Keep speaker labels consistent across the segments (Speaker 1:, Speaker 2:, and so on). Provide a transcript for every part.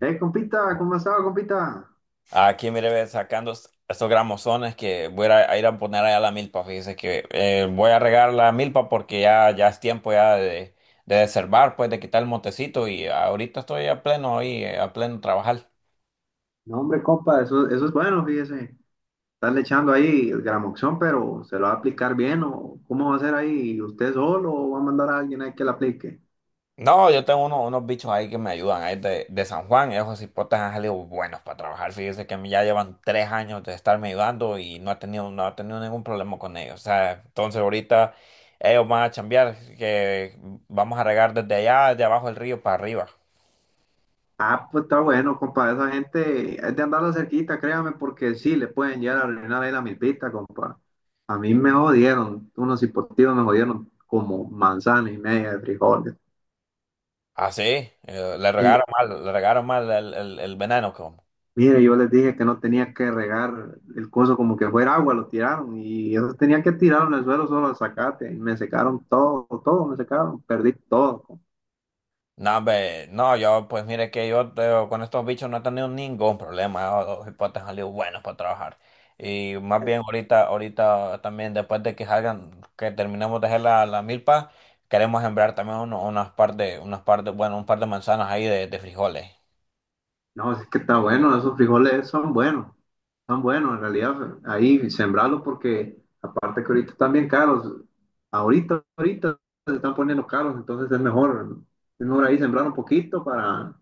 Speaker 1: Compita, ¿cómo ha estado, compita?
Speaker 2: Aquí, mire, ve, sacando estos gramozones que voy a ir a poner allá a la milpa. Fíjese que voy a regar la milpa porque ya es tiempo ya de desherbar, pues de quitar el montecito y ahorita estoy a pleno ahí, a pleno trabajar.
Speaker 1: No, hombre, compa, eso es bueno, fíjese. Están echando ahí el gramoxón, pero ¿se lo va a aplicar bien o cómo va a ser ahí? ¿Usted solo o va a mandar a alguien ahí que la aplique?
Speaker 2: No, yo tengo unos bichos ahí que me ayudan, ahí de San Juan, esos hipotes han salido buenos para trabajar. Fíjese que ya llevan 3 años de estarme ayudando y no he tenido ningún problema con ellos. O sea, entonces ahorita ellos van a chambear, que vamos a regar desde allá, de abajo del río para arriba.
Speaker 1: Ah, pues está bueno, compa, esa gente es de andarla cerquita, créame, porque sí, le pueden llegar a arruinar ahí la milpita, compa. A mí me jodieron, unos hipotivos me jodieron como manzana y media de frijoles.
Speaker 2: Así, le regaron mal el veneno. Como.
Speaker 1: Mire, yo les dije que no tenía que regar el coso como que fuera agua, lo tiraron y eso tenía que tirar en el suelo solo al zacate y me secaron todo, todo me secaron, perdí todo.
Speaker 2: No, hombre, no, yo, pues mire que con estos bichos no he tenido ningún problema. Los hipotes han salido buenos para trabajar. Y más bien ahorita también, después de que salgan, que terminemos de hacer la milpa, queremos sembrar también bueno, un par de manzanas ahí de frijoles.
Speaker 1: No, es que está bueno, esos frijoles son buenos en realidad, ahí sembrarlos porque aparte que ahorita están bien caros, ahorita se están poniendo caros, entonces es mejor ahí sembrar un poquito para,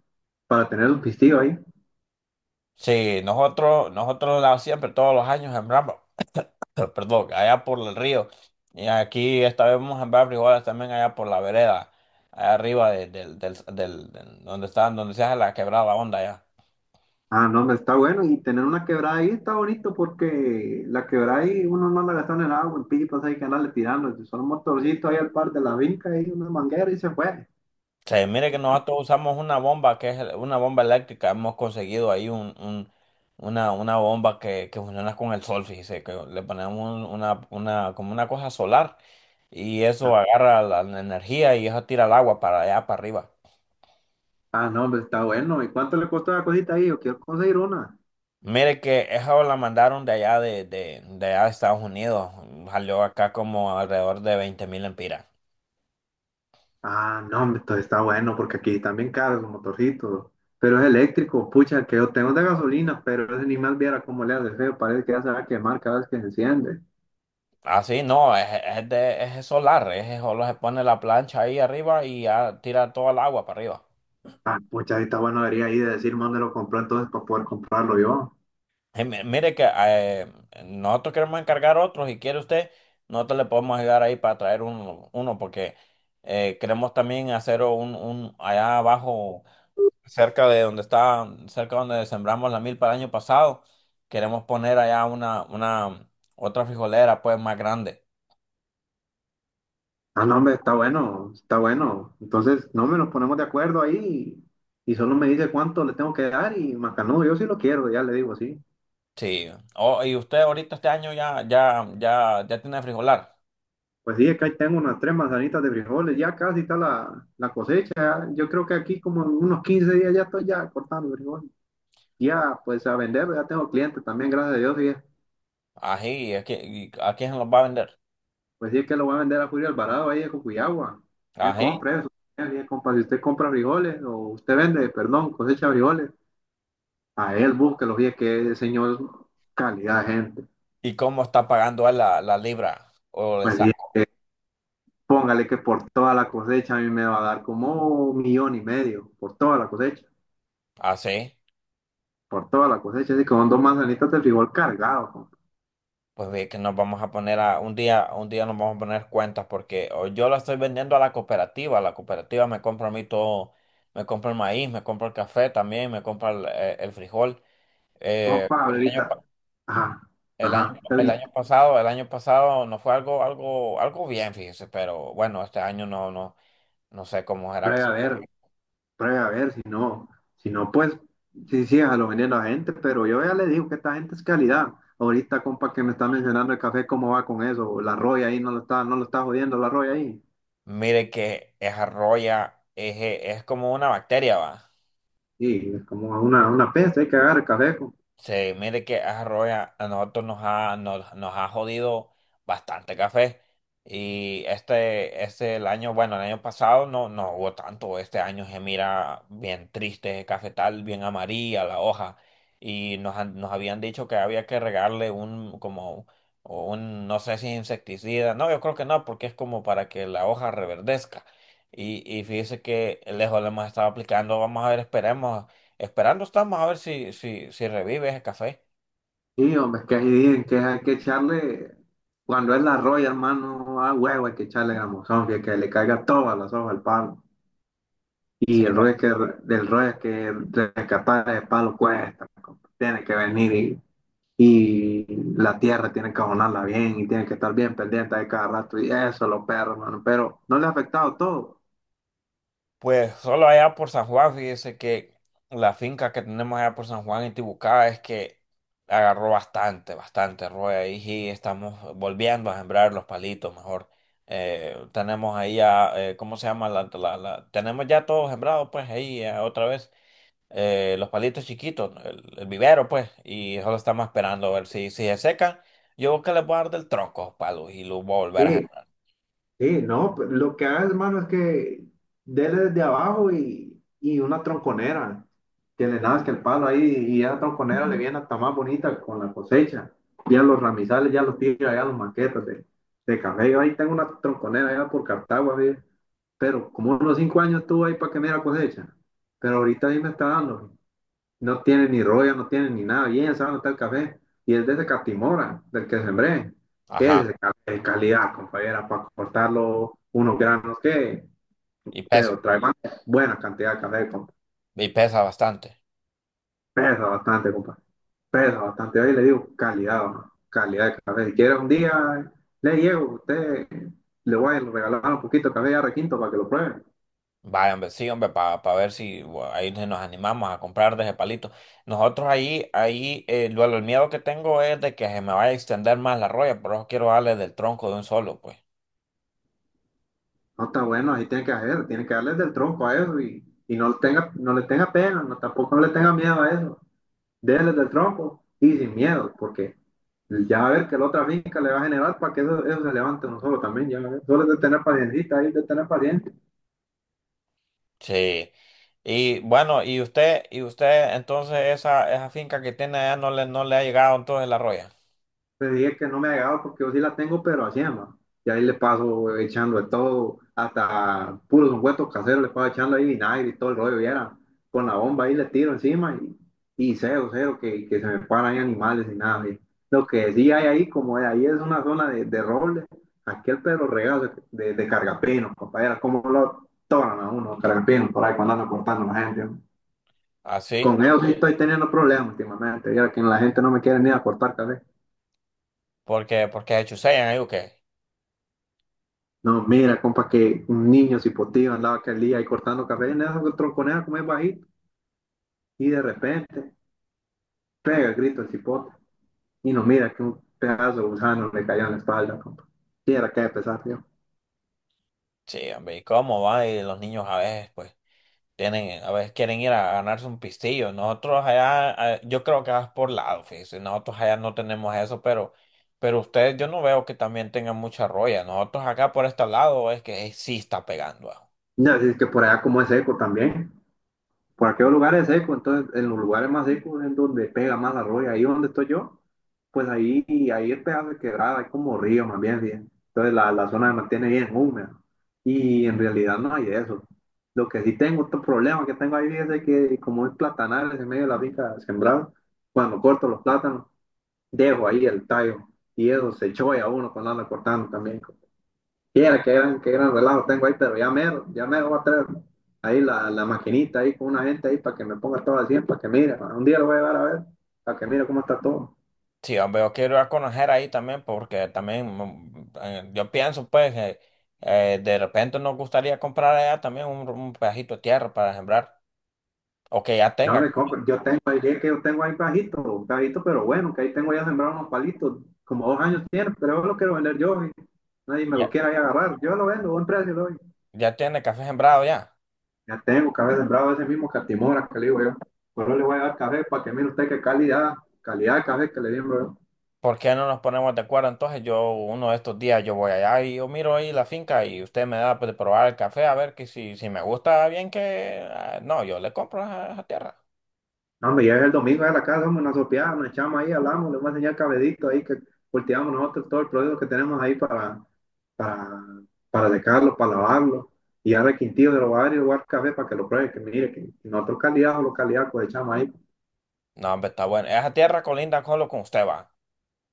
Speaker 1: para tener un pistillo ahí.
Speaker 2: Sí, nosotros siempre todos los años sembramos. Pero, perdón, allá por el río. Y aquí esta vez vamos a sembrar frijoles también allá por la vereda, allá arriba del donde está, donde se hace la quebrada onda allá.
Speaker 1: Ah, no, me está bueno. Y tener una quebrada ahí está bonito porque la quebrada ahí uno no la gasta en el agua, en pipas hay que andarle tirando. Si son un motorcito ahí al par de la vinca ahí, una manguera y se fue.
Speaker 2: Se mire que nosotros usamos una bomba que una bomba eléctrica. Hemos conseguido ahí una bomba que funciona con el sol, fíjese, que le ponemos una, como una cosa solar y eso agarra la energía y eso tira el agua para allá para arriba.
Speaker 1: Ah, no, hombre, está bueno. ¿Y cuánto le costó la cosita ahí? Yo quiero conseguir una.
Speaker 2: Mire que esa la mandaron de allá de allá de Estados Unidos. Salió acá como alrededor de 20,000 empiras.
Speaker 1: Ah, no, hombre, entonces está bueno porque aquí también caro los motorcitos. Pero es eléctrico, pucha, el que yo tengo es de gasolina, pero ese ni más viera cómo le hace feo. Parece que ya se va a quemar cada vez que se enciende.
Speaker 2: Ah, sí, no, es solar, es solo se pone la plancha ahí arriba y ya tira toda el agua para arriba.
Speaker 1: Ah, pucha, ahí está bueno, debería ahí de decir dónde lo compró entonces para poder comprarlo yo.
Speaker 2: Mire que nosotros queremos encargar otros, y quiere usted, nosotros le podemos ayudar ahí para traer uno, porque queremos también hacer un allá abajo, cerca de donde está, cerca donde sembramos la milpa el año pasado. Queremos poner allá otra frijolera, pues, más grande.
Speaker 1: Ah, no, hombre, está bueno, está bueno. Entonces, no, hombre, nos ponemos de acuerdo ahí y, solo me dice cuánto le tengo que dar y macanudo, yo sí lo quiero, ya le digo, sí.
Speaker 2: Sí. Oh, y usted ahorita este año ya tiene frijolar.
Speaker 1: Pues sí, es que ahí tengo unas 3 manzanitas de frijoles, ya casi está la cosecha. Yo creo que aquí como en unos 15 días ya estoy ya cortando frijoles. Ya, pues a vender, ya tengo clientes también, gracias a Dios. Y,
Speaker 2: Ají. ¿A quién se los va a vender?
Speaker 1: pues sí, es que lo voy a vender a Julio Alvarado ahí de Cocuyagua. Él
Speaker 2: Ají.
Speaker 1: compra eso. Él, compa, si usted compra frijoles o usted vende, perdón, cosecha frijoles. A él búsquelo, y que el señor calidad de gente.
Speaker 2: ¿Y cómo está pagando él la libra o el
Speaker 1: Pues bien,
Speaker 2: saco?
Speaker 1: póngale que por toda la cosecha a mí me va a dar como un millón y medio, por toda la cosecha,
Speaker 2: Así.
Speaker 1: por toda la cosecha. Así que son 2 manzanitas de frijol cargados, compa.
Speaker 2: Pues ve que nos vamos a poner a un día nos vamos a poner cuentas, porque o yo la estoy vendiendo a la cooperativa me compra a mí todo, me compra el maíz, me compra el café también, me compra el frijol.
Speaker 1: No,
Speaker 2: Eh, el año, pa-
Speaker 1: ahorita, ajá,
Speaker 2: el año,
Speaker 1: ajá,
Speaker 2: el
Speaker 1: ahorita,
Speaker 2: año pasado, el año pasado, no fue algo, algo bien, fíjese, pero bueno, este año no sé cómo será.
Speaker 1: pruebe a ver, pruebe a ver, si no, si no, pues, sí, sí, a lo viene a gente, pero yo ya le digo que esta gente es calidad. Ahorita, compa, que me está mencionando el café, ¿cómo va con eso? La roya ahí, no lo está jodiendo la roya ahí.
Speaker 2: Mire que es arroya, es como una bacteria, va.
Speaker 1: Sí, es como a una peste, hay que agarrar el caleco.
Speaker 2: Se mire que Arroya a nosotros nos ha jodido bastante café. Y bueno, el año pasado no hubo tanto. Este año se mira bien triste, cafetal, bien amarilla la hoja. Y nos habían dicho que había que regarle como, no sé si insecticida. No, yo creo que no, porque es como para que la hoja reverdezca. Y fíjese que lejos le hemos estado aplicando. Vamos a ver, esperemos. Esperando estamos a ver si revive ese café.
Speaker 1: Sí, hombre, es que ahí dicen que hay que echarle, cuando es la roya, hermano, a huevo hay que echarle gamuzón, que le caiga todas las hojas al palo.
Speaker 2: Sí.
Speaker 1: Y el rollo es que, del rollo es que rescatar el palo cuesta, compa. Tiene que venir y, la tierra tiene que abonarla bien y tiene que estar bien pendiente de cada rato y eso, los perros, hermano, pero no le ha afectado todo.
Speaker 2: Pues solo allá por San Juan, fíjese que la finca que tenemos allá por San Juan en Tibucá es que agarró bastante, bastante roya ahí, y estamos volviendo a sembrar los palitos mejor. Tenemos ahí ya, ¿cómo se llama? Tenemos ya todo sembrado, pues ahí, otra vez, los palitos chiquitos, el vivero, pues. Y solo estamos esperando a ver si se secan. Yo creo que les voy a dar del tronco, palos, y los voy a volver a
Speaker 1: Sí,
Speaker 2: sembrar.
Speaker 1: sí, no, pues, lo que hagas, mano, es que dele desde abajo y una tronconera, que le nazca el palo ahí y esa tronconera le viene hasta más bonita con la cosecha. Ya los ramizales, ya los tira, ya los maquetas de café. Yo ahí tengo una tronconera allá por Cartago, así, pero como unos 5 años estuvo ahí para que me diera cosecha, pero ahorita ahí me está dando. No tiene ni rollo, no tiene ni nada. Bien, sabe dónde está el café. Y es de ese Catimora, del que sembré.
Speaker 2: Ajá.
Speaker 1: Es de calidad, compañera, para cortarlo unos granos que,
Speaker 2: Y pesa,
Speaker 1: pero trae más buena cantidad de café, compa.
Speaker 2: y pesa bastante.
Speaker 1: Pesa bastante, compa. Pesa bastante. Ahí le digo calidad, ¿no? Calidad de café. Si quiere un día, le llevo, usted le voy a regalar un poquito de café ya requinto para que lo pruebe.
Speaker 2: Vaya, hombre, sí, hombre, para ver si bueno, ahí nos animamos a comprar de ese palito. Nosotros ahí, el miedo que tengo es de que se me vaya a extender más la roya, por eso quiero darle del tronco de un solo, pues.
Speaker 1: No está bueno, así tiene que hacer, tiene que darle del tronco a eso y, no, le tenga, no le tenga pena, no, tampoco no le tenga miedo a eso. Déjenles del tronco y sin miedo, porque ya va a ver que la otra finca le va a generar para que eso se levante uno solo también, ya va a ver. Solo es de tener paciencia, ahí de tener paciencia.
Speaker 2: Sí. Y bueno, y usted, entonces esa finca que tiene allá no le ha llegado entonces la roya.
Speaker 1: Le dije que no me agregaba porque yo sí la tengo, pero así, ma. Y ahí le paso echando de todo, hasta puros ungüentos caseros, le paso echando ahí vinagre y todo el rollo, y era con la bomba ahí le tiro encima y cero, cero, que se me paran ahí animales y nada. Y lo que sí hay ahí, como ahí es una zona de roble, aquel Pedro Regazo de cargapino, compañera, como lo toman a uno, cargapino, por ahí cuando andan cortando a la gente. ¿No?
Speaker 2: Así.
Speaker 1: Con ellos sí estoy teniendo problemas últimamente, ya que la gente no me quiere ni a cortar café.
Speaker 2: Porque se chusean ahí o qué.
Speaker 1: No, mira, compa, que un niño se hipotiva andaba aquel día ahí cortando café en esa tronconera como es bajito y de repente pega el grito el cipote y nos mira que un pedazo de gusano le cayó en la espalda, compa. Y era que de pesar, tío.
Speaker 2: Sí, hombre, ¿y cómo va? Y los niños a veces, pues, tienen, a veces quieren ir a ganarse un pistillo. Nosotros allá, yo creo que vas por lado, fíjese. Nosotros allá no tenemos eso, pero ustedes, yo no veo que también tengan mucha roya. Nosotros acá por este lado es que sí está pegando ah.
Speaker 1: No, es que por allá como es eco también. Por aquellos lugares secos, entonces en los lugares más secos es donde pega más la roya. Ahí donde estoy yo, pues ahí es pedazo de quebrada, hay como río más bien. ¿Sí? Entonces la zona se mantiene bien húmeda. Y en realidad no hay de eso. Lo que sí tengo, otro problema que tengo ahí es de que como es platanales en medio de la finca sembrado, cuando corto los plátanos, dejo ahí el tallo. Y eso se choya uno cuando anda cortando también. Mira, qué gran relajo tengo ahí, pero ya mero voy a traer ahí la maquinita ahí con una gente ahí para que me ponga todo al 100, para que mire, un día lo voy a llevar a ver, para que mire cómo está todo.
Speaker 2: Sí, hombre, yo quiero ir a conocer ahí también, porque también yo pienso, pues, que de repente nos gustaría comprar allá también un pedacito de tierra para sembrar, o que
Speaker 1: No me compro, yo tengo ahí, es que yo tengo ahí bajito, bajito, pero bueno, que ahí tengo ya sembrado unos palitos, como 2 años tiene, pero yo lo quiero vender yo, y nadie me
Speaker 2: ya,
Speaker 1: lo quiera ahí agarrar, yo lo vendo, buen precio lo doy.
Speaker 2: ya tiene café sembrado ya.
Speaker 1: Ya tengo que haber sembrado ese mismo catimora que le digo yo, pero le voy a dar café para que mire usted qué calidad, calidad de café que le dimos.
Speaker 2: ¿Por qué no nos ponemos de acuerdo? Entonces yo, uno de estos días, yo voy allá y yo miro ahí la finca y usted me da, pues, de probar el café, a ver que si me gusta bien. No, yo le compro esa tierra.
Speaker 1: No, me llega el domingo a la casa, hombre, nos sopeamos, nos echamos ahí, hablamos, le vamos a enseñar el cabedito ahí que cultivamos nosotros todo el producto que tenemos ahí para, para, para secarlo, para lavarlo. Y ahora el quintillo de los barrios, guardar café para que lo pruebe, que mire, que nosotros calidad o localidad pues echamos ahí.
Speaker 2: No, hombre, está bueno. Esa tierra colinda con lo que usted va.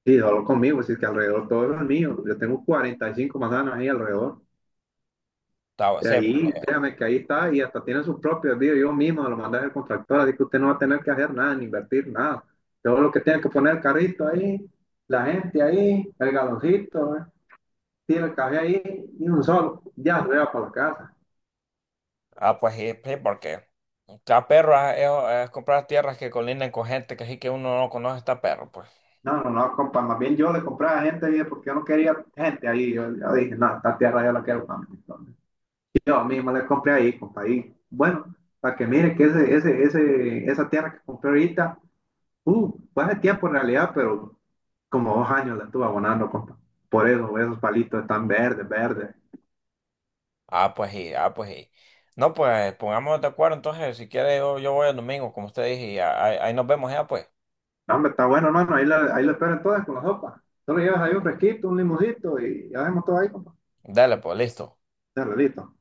Speaker 1: Y solo conmigo, así que alrededor todo es mío. Yo tengo 45 manzanas ahí alrededor.
Speaker 2: Está
Speaker 1: De
Speaker 2: sí, porque...
Speaker 1: ahí, créame que ahí está y hasta tiene sus propios vídeos. Yo mismo se lo mandé al contractor, así que usted no va a tener que hacer nada, ni invertir nada. Todo lo que tiene que poner el carrito ahí, la gente ahí, el galoncito, ¿eh? Tiene el café ahí y un solo, ya se lleva para la casa.
Speaker 2: Ah, pues sí, sí, porque... Está perro, es comprar tierras que colindan con gente que sí, que uno no conoce, está perro, pues.
Speaker 1: No, no, no, compa, más bien yo le compré a gente ahí porque yo no quería gente ahí. Yo dije, no, esta tierra yo la quiero para mí. Entonces, yo mismo le compré ahí, compa, ahí. Bueno, para que mire que esa tierra que compré ahorita, fue hace tiempo en realidad, pero como 2 años la estuve abonando, compa. Por eso, esos palitos están verdes, verdes.
Speaker 2: Ah, pues sí, ah, pues sí. No, pues pongámonos de acuerdo entonces. Si quiere, yo, voy el domingo, como usted dije, y ahí nos vemos ya, pues.
Speaker 1: No, hombre, está bueno, hermano. Ahí la esperan todas con la sopa. Solo llevas ahí un fresquito, un limoncito y ya vemos todo ahí, compa.
Speaker 2: Dale, pues, listo.
Speaker 1: Ya, listo.